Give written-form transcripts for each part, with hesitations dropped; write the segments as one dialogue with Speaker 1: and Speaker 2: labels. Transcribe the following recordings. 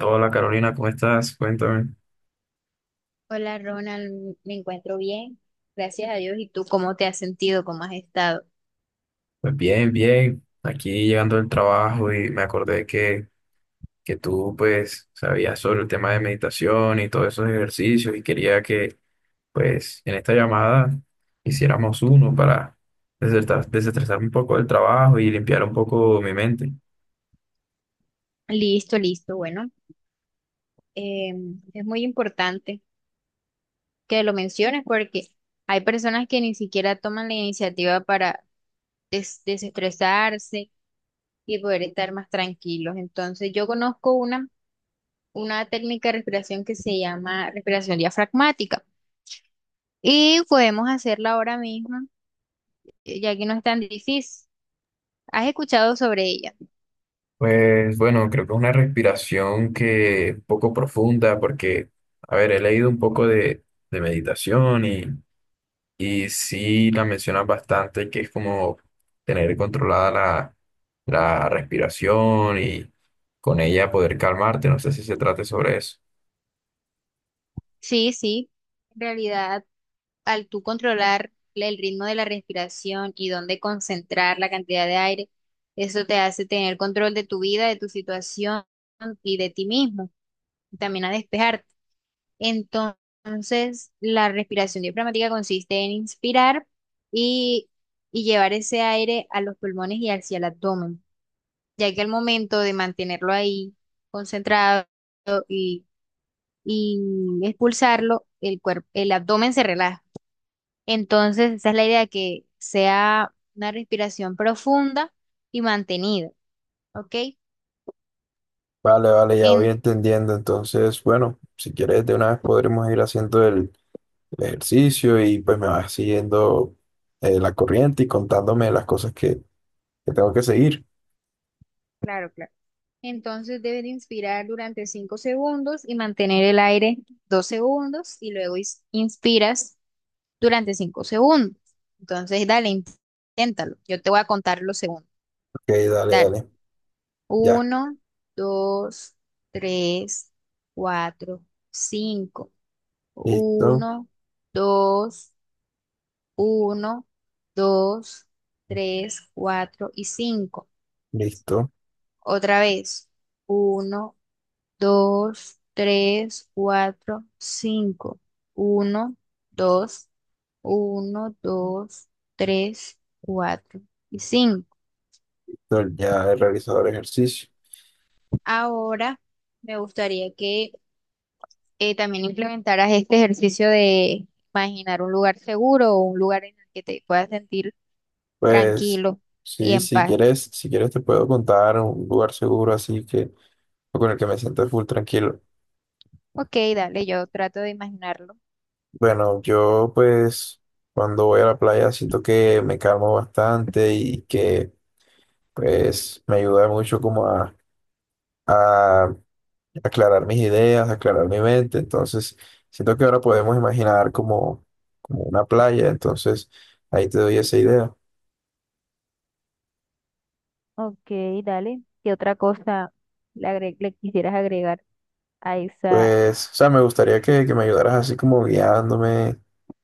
Speaker 1: Hola Carolina, ¿cómo estás? Cuéntame.
Speaker 2: Hola Ronald, me encuentro bien, gracias a Dios. ¿Y tú cómo te has sentido? ¿Cómo has estado?
Speaker 1: Pues bien, bien. Aquí llegando del trabajo y me acordé que tú pues sabías sobre el tema de meditación y todos esos ejercicios y quería que pues en esta llamada hiciéramos uno para desestresarme un poco del trabajo y limpiar un poco mi mente.
Speaker 2: Listo, listo. Bueno, eh, es muy importante que lo menciones porque hay personas que ni siquiera toman la iniciativa para desestresarse y poder estar más tranquilos. Entonces, yo conozco una técnica de respiración que se llama respiración diafragmática y podemos hacerla ahora mismo, ya que no es tan difícil. ¿Has escuchado sobre ella?
Speaker 1: Pues bueno, creo que es una respiración que un poco profunda porque, a ver, he leído un poco de meditación. Y sí la mencionas bastante, que es como tener controlada la respiración y con ella poder calmarte. No sé si se trate sobre eso.
Speaker 2: Sí, sí. En realidad, al tú controlar el ritmo de la respiración y dónde concentrar la cantidad de aire, eso te hace tener control de tu vida, de tu situación y de ti mismo, y también a despejarte. Entonces, la respiración diafragmática consiste en inspirar y, y llevar ese aire a los pulmones y hacia el abdomen, ya que al momento de mantenerlo ahí concentrado y, y expulsarlo, el cuerpo, el abdomen se relaja. Entonces, esa es la idea, que sea una respiración profunda y mantenida, ¿ok?
Speaker 1: Vale, vale, ya voy
Speaker 2: En,
Speaker 1: entendiendo. Entonces, bueno, si quieres, de una vez podremos ir haciendo el ejercicio y pues me vas siguiendo la corriente y contándome las cosas que tengo que seguir.
Speaker 2: claro, claro. Entonces deben inspirar durante 5 segundos y mantener el aire 2 segundos y luego inspiras durante 5 segundos. Entonces, dale, inténtalo. Yo te voy a contar los segundos.
Speaker 1: Ok, dale,
Speaker 2: Dale.
Speaker 1: dale. Ya,
Speaker 2: Uno, dos, tres, cuatro, cinco.
Speaker 1: listo,
Speaker 2: Uno, dos. Uno, dos, tres, cuatro y cinco.
Speaker 1: listo.
Speaker 2: Otra vez. Uno, dos, tres, cuatro, cinco. Uno, dos, uno, dos, tres, cuatro y cinco.
Speaker 1: Entonces, ya he realizado el ejercicio.
Speaker 2: Ahora me gustaría que también implementaras este ejercicio de imaginar un lugar seguro o un lugar en el que te puedas sentir
Speaker 1: Pues
Speaker 2: tranquilo y
Speaker 1: sí,
Speaker 2: en
Speaker 1: si
Speaker 2: paz.
Speaker 1: quieres, si quieres te puedo contar un lugar seguro así que con el que me siento full tranquilo.
Speaker 2: Ok, dale, yo trato de imaginarlo.
Speaker 1: Bueno, yo pues cuando voy a la playa siento que me calmo bastante y que pues me ayuda mucho como a aclarar mis ideas, aclarar mi mente. Entonces siento que ahora podemos imaginar como una playa. Entonces ahí te doy esa idea.
Speaker 2: Ok, dale. ¿Qué otra cosa le quisieras agregar a esa?
Speaker 1: Pues, o sea, me gustaría que me ayudaras así como guiándome,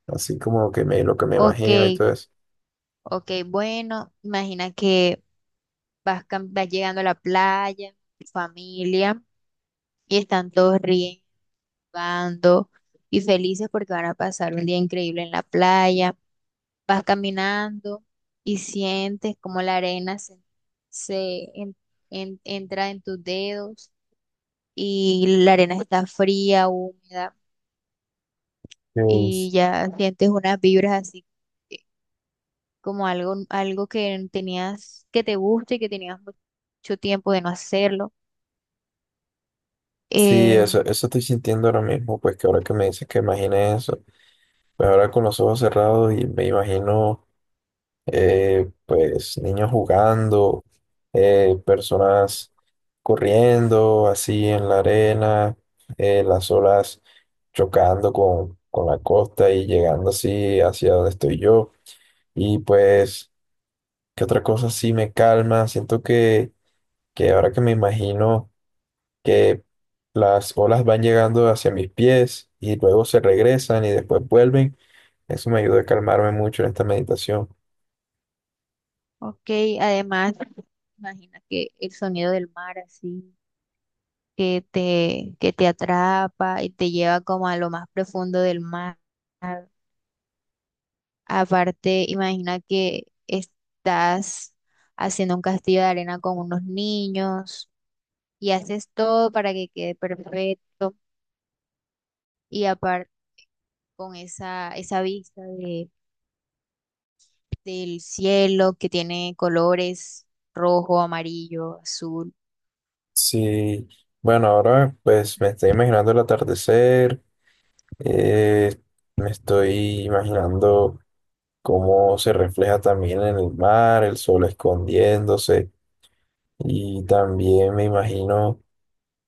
Speaker 1: así como que me, lo que me
Speaker 2: Ok,
Speaker 1: imagino y todo eso.
Speaker 2: ok, bueno, imagina que vas llegando a la playa, tu familia, y están todos riendo, jugando y felices porque van a pasar un día increíble en la playa. Vas caminando y sientes como la arena se entra en tus dedos y la arena está fría, húmeda. Y
Speaker 1: Pues,
Speaker 2: ya sientes unas vibras así, eh, como algo que tenías, que te guste y que tenías mucho tiempo de no hacerlo.
Speaker 1: sí,
Speaker 2: Eh,
Speaker 1: eso estoy sintiendo ahora mismo, pues que ahora que me dices que imagine eso, pues ahora con los ojos cerrados y me imagino, pues, niños jugando, personas corriendo así en la arena, las olas chocando con la costa y llegando así hacia donde estoy yo. Y pues, que otra cosa sí me calma. Siento que ahora que me imagino que las olas van llegando hacia mis pies y luego se regresan y después vuelven, eso me ayuda a calmarme mucho en esta meditación.
Speaker 2: ok, además, imagina que el sonido del mar así, que te atrapa y te lleva como a lo más profundo del mar. Aparte, imagina que estás haciendo un castillo de arena con unos niños y haces todo para que quede perfecto. Y aparte, con esa vista del cielo que tiene colores rojo, amarillo, azul.
Speaker 1: Sí, bueno, ahora pues me estoy imaginando el atardecer, eh, me estoy imaginando cómo se refleja también en el mar, el sol escondiéndose y también me imagino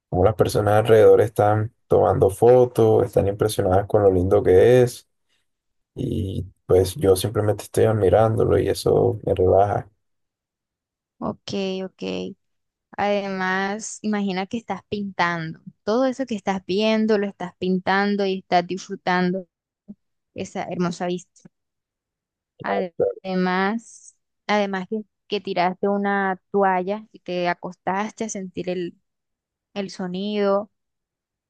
Speaker 1: como las personas alrededor están tomando fotos, están impresionadas con lo lindo que es y pues yo simplemente estoy admirándolo y eso me relaja.
Speaker 2: Ok, ok. Además, imagina que estás pintando. Todo eso que estás viendo lo estás pintando y estás disfrutando esa hermosa vista. Además, además que, que, tiraste una toalla y te acostaste a sentir el sonido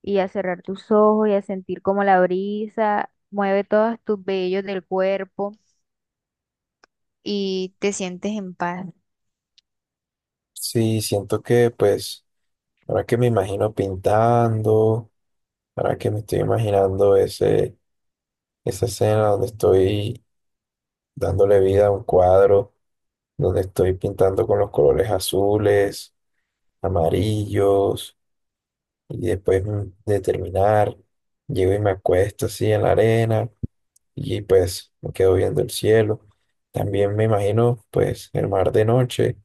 Speaker 2: y a cerrar tus ojos y a sentir como la brisa mueve todos tus vellos del cuerpo y te sientes en paz.
Speaker 1: Sí, siento que pues ahora que me imagino pintando, ahora que me estoy imaginando esa escena donde estoy dándole vida a un cuadro, donde estoy pintando con los colores azules, amarillos y después de terminar, llego y me acuesto así en la arena y pues me quedo viendo el cielo. También me imagino pues el mar de noche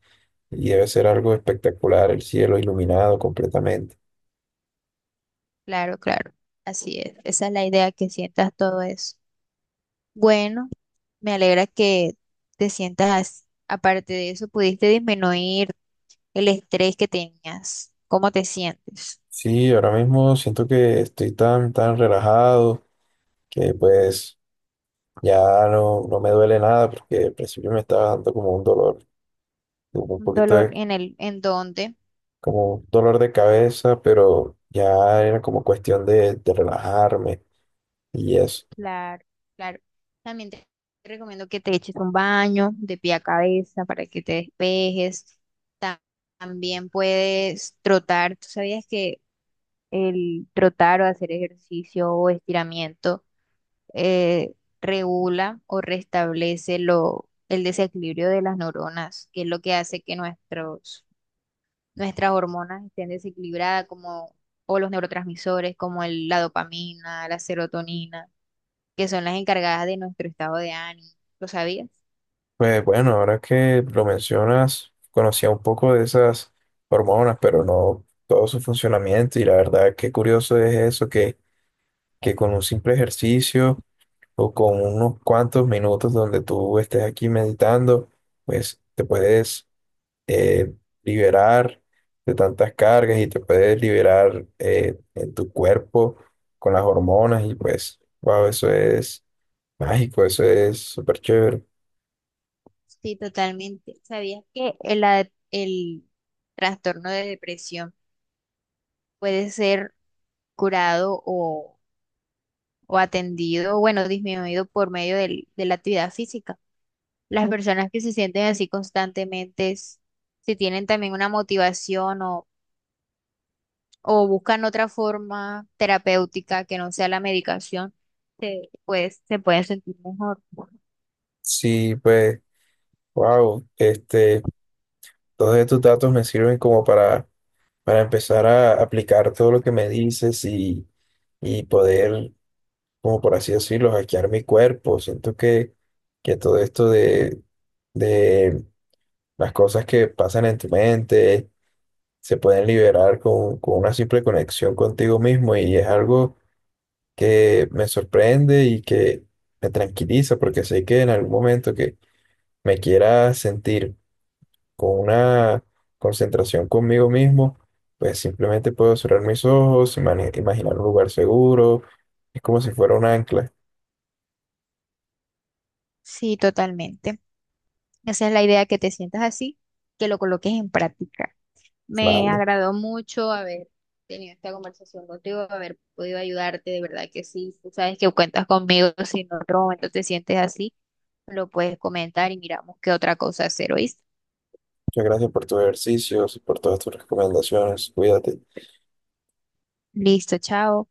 Speaker 1: y debe ser algo espectacular, el cielo iluminado completamente.
Speaker 2: Claro, claro, así es. Esa es la idea, que sientas todo eso. Bueno, me alegra que te sientas así. Aparte de eso, pudiste disminuir el estrés que tenías. ¿Cómo te sientes?
Speaker 1: Sí, ahora mismo siento que estoy tan, tan relajado que pues ya no me duele nada porque al principio me estaba dando como un dolor, como un poquito
Speaker 2: ¿Dolor en dónde?
Speaker 1: como un dolor de cabeza, pero ya era como cuestión de relajarme y eso.
Speaker 2: Claro, claro. También te recomiendo que te eches un baño de pie a cabeza para que te despejes. Ta- También puedes trotar. ¿Tú sabías que el trotar o hacer ejercicio o estiramiento eh, regula o restablece el desequilibrio de las neuronas, que es lo que hace que nuestras hormonas estén desequilibradas, o los neurotransmisores como la dopamina, la serotonina, que son las encargadas de nuestro estado de ánimo? ¿Lo sabías?
Speaker 1: Pues bueno, ahora que lo mencionas, conocía un poco de esas hormonas, pero no todo su funcionamiento. Y la verdad, qué curioso es eso, que con un simple ejercicio o con unos cuantos minutos donde tú estés aquí meditando, pues te puedes eh, liberar de tantas cargas y te puedes liberar en tu cuerpo con las hormonas. Y pues, wow, eso es mágico, eso es súper chévere.
Speaker 2: Sí, totalmente. ¿Sabías que el trastorno de depresión puede ser curado o atendido, bueno, disminuido por medio de la actividad física? Las personas que se sienten así constantemente, si tienen también una motivación o buscan otra forma terapéutica que no sea la medicación, pues, se pueden sentir mejor.
Speaker 1: Sí, pues. Wow, este, todos estos datos me sirven como para empezar a aplicar todo lo que me dices y poder, como por así decirlo, hackear mi cuerpo. Siento que todo esto de las cosas que pasan en tu mente se pueden liberar con una simple conexión contigo mismo y es algo que me sorprende y que me tranquiliza porque sé que en algún momento que me quiera sentir con una concentración conmigo mismo, pues simplemente puedo cerrar mis ojos, imaginar un lugar seguro, es como si fuera un ancla.
Speaker 2: Sí, totalmente. Esa es la idea, que te sientas así, que lo coloques en práctica. Me
Speaker 1: Vale,
Speaker 2: agradó mucho haber tenido esta conversación contigo, haber podido ayudarte, de verdad que sí. Tú sabes que cuentas conmigo, si en otro momento te sientes así, lo puedes comentar y miramos qué otra cosa hacer, ¿oíste?
Speaker 1: muchas gracias por tus ejercicios y por todas tus recomendaciones, cuídate.
Speaker 2: Listo, chao.